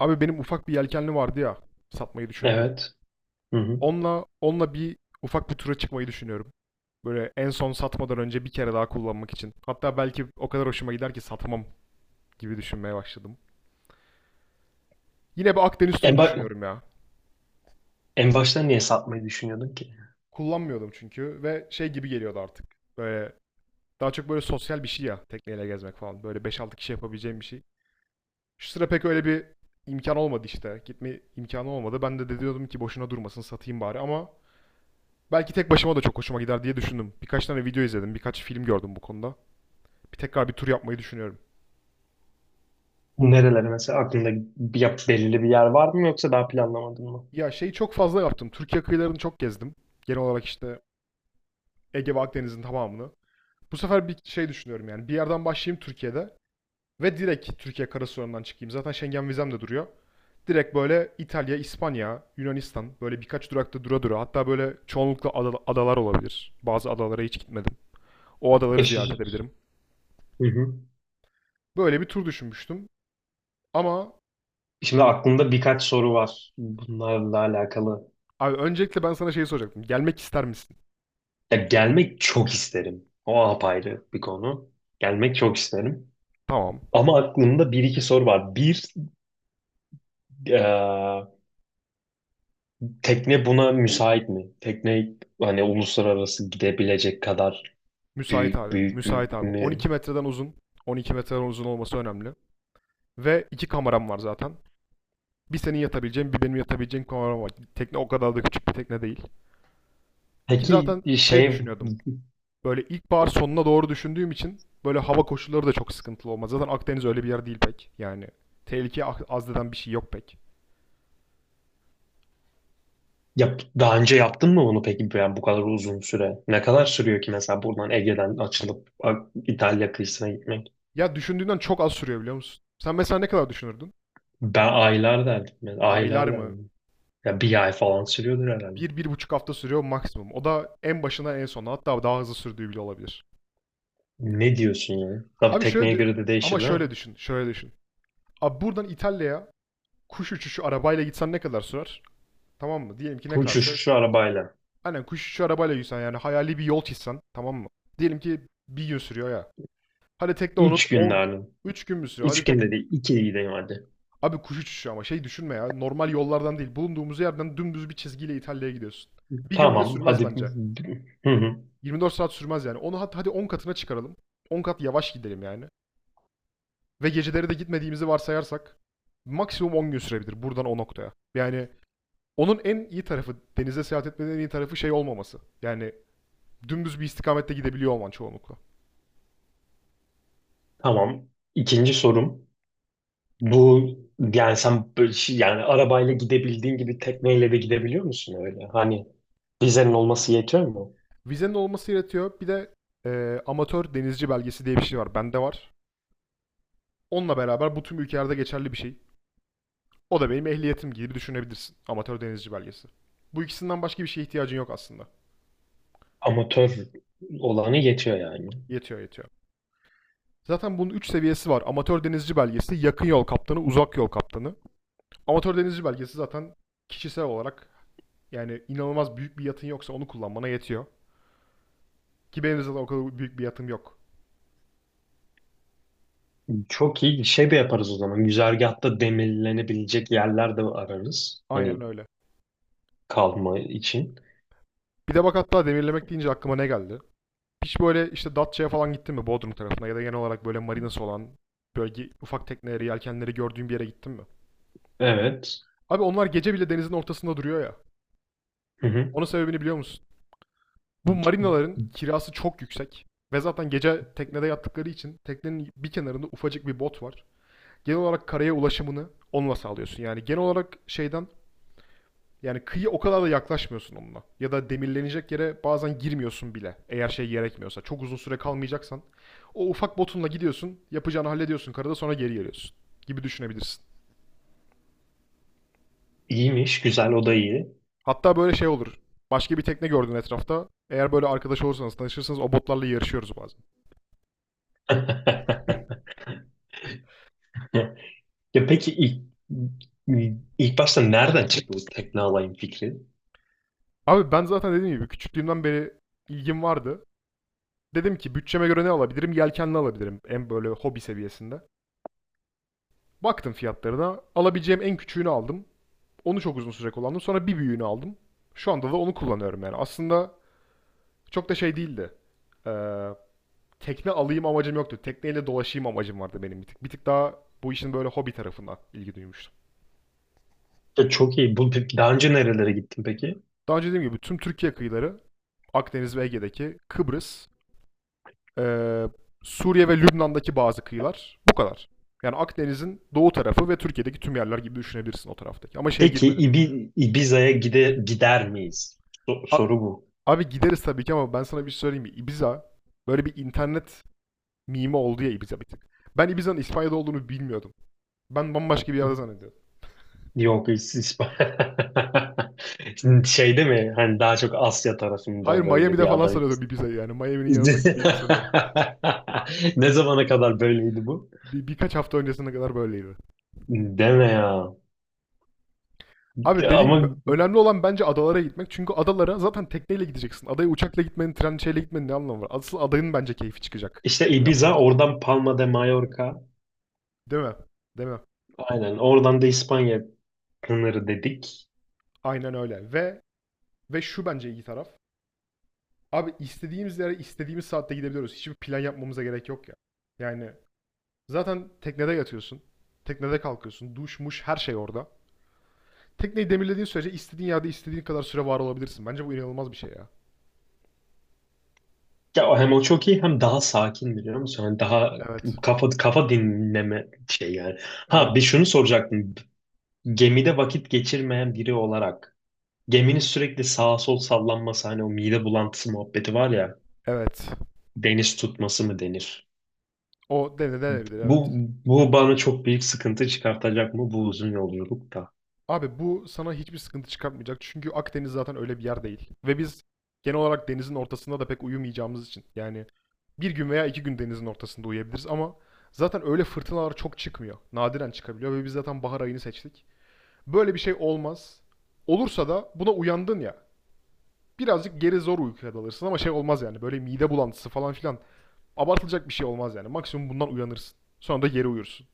Abi benim ufak bir yelkenli vardı ya satmayı düşündüğüm. Evet. Hı hı. Onunla bir ufak bir tura çıkmayı düşünüyorum. Böyle en son satmadan önce bir kere daha kullanmak için. Hatta belki o kadar hoşuma gider ki satmam gibi düşünmeye başladım. Yine bir Akdeniz turu En, ba- düşünüyorum ya. En başta niye satmayı düşünüyordun ki? Kullanmıyordum çünkü ve şey gibi geliyordu artık. Böyle daha çok böyle sosyal bir şey ya tekneyle gezmek falan. Böyle beş altı kişi yapabileceğim bir şey. Şu sıra pek öyle bir imkan olmadı işte. Gitme imkanı olmadı. Ben de diyordum ki boşuna durmasın satayım bari ama belki tek başıma da çok hoşuma gider diye düşündüm. Birkaç tane video izledim, birkaç film gördüm bu konuda. Bir tekrar bir tur yapmayı düşünüyorum. Nerelere mesela aklında belirli bir yer var mı yoksa daha planlamadın mı? Ya şeyi çok fazla yaptım. Türkiye kıyılarını çok gezdim. Genel olarak işte Ege ve Akdeniz'in tamamını. Bu sefer bir şey düşünüyorum yani. Bir yerden başlayayım Türkiye'de ve direkt Türkiye karasınırından çıkayım. Zaten Schengen vizem de duruyor. Direkt böyle İtalya, İspanya, Yunanistan böyle birkaç durakta dura dura. Hatta böyle çoğunlukla adalar olabilir. Bazı adalara hiç gitmedim. O adaları ziyaret Eşi. edebilirim. Hı hı. Böyle bir tur düşünmüştüm. Ama Şimdi aklımda birkaç soru var bunlarla alakalı. abi öncelikle ben sana şeyi soracaktım. Gelmek ister misin? Ya gelmek çok isterim. O apayrı bir konu. Gelmek çok isterim. Tamam. Ama aklımda bir iki soru var. Bir, eee, tekne buna müsait mi? Tekne hani uluslararası gidebilecek kadar Müsait abi. Müsait büyük abi. mü? 12 metreden uzun. 12 metreden uzun olması önemli. Ve iki kameram var zaten. Bir senin yatabileceğin, bir benim yatabileceğim kameram var. Tekne o kadar da küçük bir tekne değil. Ki Peki zaten şey şey düşünüyordum. Böyle ilkbahar sonuna doğru düşündüğüm için böyle hava koşulları da çok sıkıntılı olmaz. Zaten Akdeniz öyle bir yer değil pek. Yani tehlike az deden bir şey yok pek. Yap, daha önce yaptın mı bunu peki yani bu kadar uzun süre? Ne kadar sürüyor ki mesela buradan Ege'den İtalya kıyısına gitmek? Ya düşündüğünden çok az sürüyor biliyor musun? Sen mesela ne kadar düşünürdün? Ben aylar derdim. Yani Aylar aylar mı? derdim. Ya bir ay falan sürüyordur herhalde. Bir, bir buçuk hafta sürüyor maksimum. O da en başına en sona hatta daha hızlı sürdüğü bile olabilir. Ne diyorsun yani? Tabii Abi tekneye şöyle, göre de ama değişir değil mi? şöyle düşün. Abi buradan İtalya'ya kuş uçuşu arabayla gitsen ne kadar sürer? Tamam mı? Diyelim ki ne kadar Uçuş sürer? şu arabayla. Aynen kuş uçuşu arabayla gitsen yani hayali bir yol çizsen tamam mı? Diyelim ki bir gün sürüyor ya. Hadi tekne onun Üç gün 10 derdim. 3 gün mü sürüyor? Üç Hadi tek günde değil. İki gideyim hadi. abi kuş uçuşu ama şey düşünme ya. Normal yollardan değil. Bulunduğumuz yerden dümdüz bir çizgiyle İtalya'ya gidiyorsun. Bir gün bile Tamam sürmez hadi. bence. Hı hı. 24 saat sürmez yani. Onu hadi 10 katına çıkaralım. On kat yavaş gidelim yani. Ve geceleri de gitmediğimizi varsayarsak maksimum 10 gün sürebilir buradan o noktaya. Yani onun en iyi tarafı, denize seyahat etmenin en iyi tarafı şey olmaması. Yani dümdüz bir istikamette gidebiliyor olman çoğunlukla. Tamam. İkinci sorum. Bu yani sen yani arabayla gidebildiğin gibi tekneyle de gidebiliyor musun öyle? Hani vizenin olması yetiyor mu? Vizenin olması yaratıyor. Bir de amatör denizci belgesi diye bir şey var. Bende var. Onunla beraber bu tüm ülkelerde geçerli bir şey. O da benim ehliyetim gibi düşünebilirsin. Amatör denizci belgesi. Bu ikisinden başka bir şeye ihtiyacın yok aslında. Amatör olanı yetiyor yani. Yetiyor. Zaten bunun 3 seviyesi var. Amatör denizci belgesi, yakın yol kaptanı, uzak yol kaptanı. Amatör denizci belgesi zaten kişisel olarak yani inanılmaz büyük bir yatın yoksa onu kullanmana yetiyor. Ki benim zaten o kadar büyük bir yatım yok. Çok iyi şey de yaparız o zaman. Güzergahta demirlenebilecek yerler de ararız. Aynen Hani öyle. kalma için. Bir de bak hatta demirlemek deyince aklıma ne geldi? Hiç böyle işte Datça'ya falan gittin mi Bodrum tarafına ya da genel olarak böyle marinası olan bölge ufak tekneleri, yelkenleri gördüğün bir yere gittin mi? Evet. Abi onlar gece bile denizin ortasında duruyor ya. Hı hı. Onun sebebini biliyor musun? Bu marinaların kirası çok yüksek. Ve zaten gece teknede yattıkları için teknenin bir kenarında ufacık bir bot var. Genel olarak karaya ulaşımını onunla sağlıyorsun. Yani genel olarak şeyden yani kıyı o kadar da yaklaşmıyorsun onunla. Ya da demirlenecek yere bazen girmiyorsun bile. Eğer şey gerekmiyorsa. Çok uzun süre kalmayacaksan. O ufak botunla gidiyorsun. Yapacağını hallediyorsun karada sonra geri geliyorsun. Gibi düşünebilirsin. İyiymiş. Güzel. O da iyi. Hatta böyle şey olur. Başka bir tekne gördün etrafta. Eğer böyle arkadaş olursanız, tanışırsanız o botlarla yarışıyoruz bazen. Ya peki ilk başta nereden çıktı bu tekne alayım fikri? Abi ben zaten dediğim gibi küçüklüğümden beri ilgim vardı. Dedim ki bütçeme göre ne alabilirim? Yelkenli alabilirim. En böyle hobi seviyesinde. Baktım fiyatlarına. Alabileceğim en küçüğünü aldım. Onu çok uzun süre kullandım. Sonra bir büyüğünü aldım. Şu anda da onu kullanıyorum yani. Aslında çok da şey değildi. Ee, tekne alayım amacım yoktu. Tekneyle dolaşayım amacım vardı benim bir tık. Bir tık daha bu işin böyle hobi tarafına ilgi duymuştum. Ya çok iyi. Bu, peki daha önce nerelere gittin peki? Daha önce dediğim gibi tüm Türkiye kıyıları, Akdeniz ve Ege'deki Kıbrıs, Ee, Suriye ve Lübnan'daki bazı kıyılar. Bu kadar. Yani Akdeniz'in doğu tarafı ve Türkiye'deki tüm yerler gibi düşünebilirsin o taraftaki. Ama şeye Peki girmedim. Ibiza'ya gider miyiz? A- Soru bu. abi gideriz tabii ki ama ben sana bir şey söyleyeyim mi? Ibiza böyle bir internet mimi oldu ya Ibiza bir tık. Ben Ibiza'nın İspanya'da olduğunu bilmiyordum. Ben bambaşka bir yerde zannediyordum. Yok Şimdi Şeyde mi? Hani daha çok Asya Hayır tarafında böyle Miami'de bir falan ada. sanıyordum Ibiza'yı yani. Miami'nin yanındaki bir yer sanıyordum. Ne zamana kadar böyleydi bu? Birkaç hafta öncesine kadar böyleydi. Deme ya. Abi dediğim gibi Ama önemli olan bence adalara gitmek. Çünkü adalara zaten tekneyle gideceksin. Adaya uçakla gitmenin, tren şeyle gitmenin ne anlamı var? Asıl adayın bence keyfi çıkacak işte bunu Ibiza, yaptığımızda. oradan Palma de Mallorca. Değil mi? Değil mi? Aynen. Oradan da İspanya sınırı dedik. Aynen öyle. Ve şu bence iyi taraf. Abi istediğimiz yere istediğimiz saatte gidebiliyoruz. Hiçbir plan yapmamıza gerek yok ya. Yani zaten teknede yatıyorsun. Teknede kalkıyorsun. Duş, muş her şey orada. Tekneyi demirlediğin sürece istediğin yerde istediğin kadar süre var olabilirsin. Bence bu inanılmaz bir şey ya. Ya o hem o çok iyi hem daha sakin biliyor musun? Hani daha Evet. kafa dinleme şey yani. Ha bir Evet. şunu soracaktım. Gemide vakit geçirmeyen biri olarak geminin sürekli sağa sol sallanması hani o mide bulantısı muhabbeti var ya Evet. deniz tutması mı denir? O denenebilir Bu evet. Bu bana çok büyük sıkıntı çıkartacak mı bu uzun yolculukta? Abi bu sana hiçbir sıkıntı çıkartmayacak. Çünkü Akdeniz zaten öyle bir yer değil. Ve biz genel olarak denizin ortasında da pek uyumayacağımız için. Yani bir gün veya iki gün denizin ortasında uyuyabiliriz ama zaten öyle fırtınalar çok çıkmıyor. Nadiren çıkabiliyor ve biz zaten bahar ayını seçtik. Böyle bir şey olmaz. Olursa da buna uyandın ya. Birazcık geri zor uykuya dalırsın ama şey olmaz yani. Böyle mide bulantısı falan filan. Abartılacak bir şey olmaz yani. Maksimum bundan uyanırsın. Sonra da geri uyursun.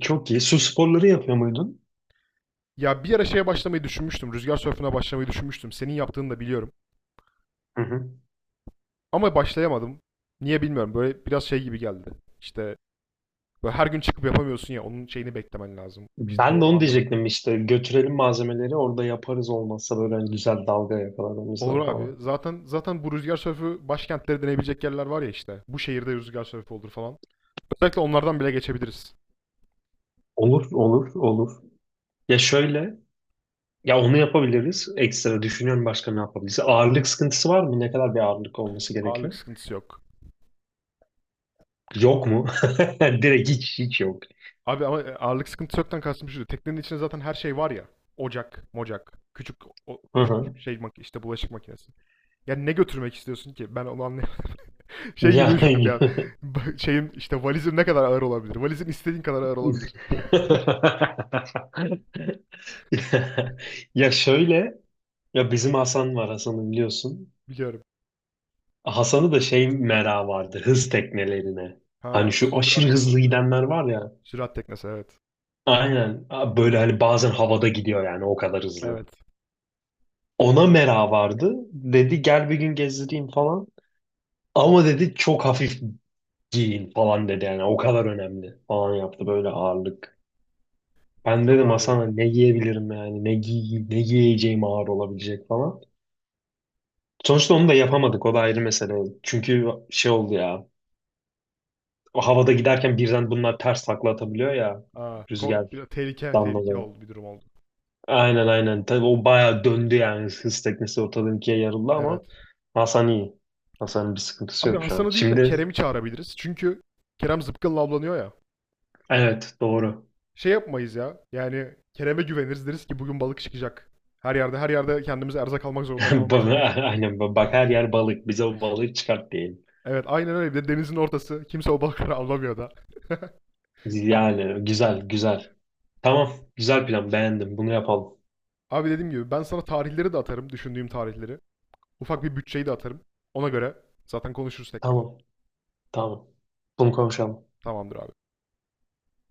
Çok iyi. Su sporları yapıyor muydun? Ya bir ara şeye başlamayı düşünmüştüm. Rüzgar sörfüne başlamayı düşünmüştüm. Senin yaptığını da biliyorum. Hı hı. Ama başlayamadım. Niye bilmiyorum. Böyle biraz şey gibi geldi. İşte böyle her gün çıkıp yapamıyorsun ya. Onun şeyini beklemen lazım. İşte Ben de doğru onu anlamak. diyecektim işte götürelim malzemeleri orada yaparız olmazsa böyle hani güzel dalga yakalarımızda Olur abi. falan. Zaten bu rüzgar sörfü başkentleri deneyebilecek yerler var ya işte. Bu şehirde rüzgar sörfü olur falan. Özellikle onlardan bile geçebiliriz. Olur, olur, olur. Ya şöyle, ya onu yapabiliriz. Ekstra düşünüyorum başka ne yapabiliriz. Ağırlık sıkıntısı var mı? Ne kadar bir ağırlık olması gerekiyor? Ağırlık sıkıntısı yok. Yok mu? Direkt hiç yok. Abi ama ağırlık sıkıntısı yoktan kastım şu. Teknenin içinde zaten her şey var ya. Ocak, mocak, küçük o, Hı hı. küçük şey işte bulaşık makinesi. Yani ne götürmek istiyorsun ki? Ben onu anlayamadım. Şey gibi düşündüm ya. Yani Şeyim işte valizim ne kadar ağır olabilir? Valizim istediğin kadar ağır olabilir. ya şöyle, ya bizim Hasan var, Hasan'ı biliyorsun. Biliyorum. Hasan'ı da şey, merak vardı hız teknelerine. Hani Ha, şu aşırı sürat hızlı teknesi. gidenler var ya. Sürat teknesi evet. Aynen. Böyle hani bazen havada gidiyor yani o kadar hızlı. Evet. Ona mera vardı. Dedi gel bir gün gezdireyim falan. Ama dedi çok hafif giyin falan dedi yani o kadar önemli falan yaptı böyle ağırlık. Ben Yok dedim abi. Hasan'a ne giyebilirim yani ne giyeceğim ağır olabilecek falan. Sonuçta onu da yapamadık o da ayrı mesele. Çünkü şey oldu ya o havada giderken birden bunlar ters takla atabiliyor ya Aa, bir de rüzgardan tehlike dolayı. oldu, bir durum oldu. Aynen tabii o bayağı döndü yani hız teknesi ortadan ikiye yarıldı ama Evet. Hasan iyi. Hasan'ın bir sıkıntısı Abi yok şu an. Hasan'ı değil de Şimdi Kerem'i çağırabiliriz. Çünkü Kerem zıpkınla avlanıyor ya. evet doğru. Şey yapmayız ya. Yani Kerem'e güveniriz deriz ki bugün balık çıkacak. Her yerde kendimize erzak almak zorunda kalmayız Ba- belki. Aynen, bak her yer balık. Bize o balığı çıkart diyelim. Evet aynen öyle. Bir de denizin ortası. Kimse o balıkları avlamıyor da. Yani güzel güzel. Tamam güzel plan, beğendim. Bunu yapalım. Abi dediğim gibi ben sana tarihleri de atarım. Düşündüğüm tarihleri. Ufak bir bütçeyi de atarım. Ona göre zaten konuşuruz tekrardan. Tamam tamam. Bunu konuşalım. Tamamdır abi.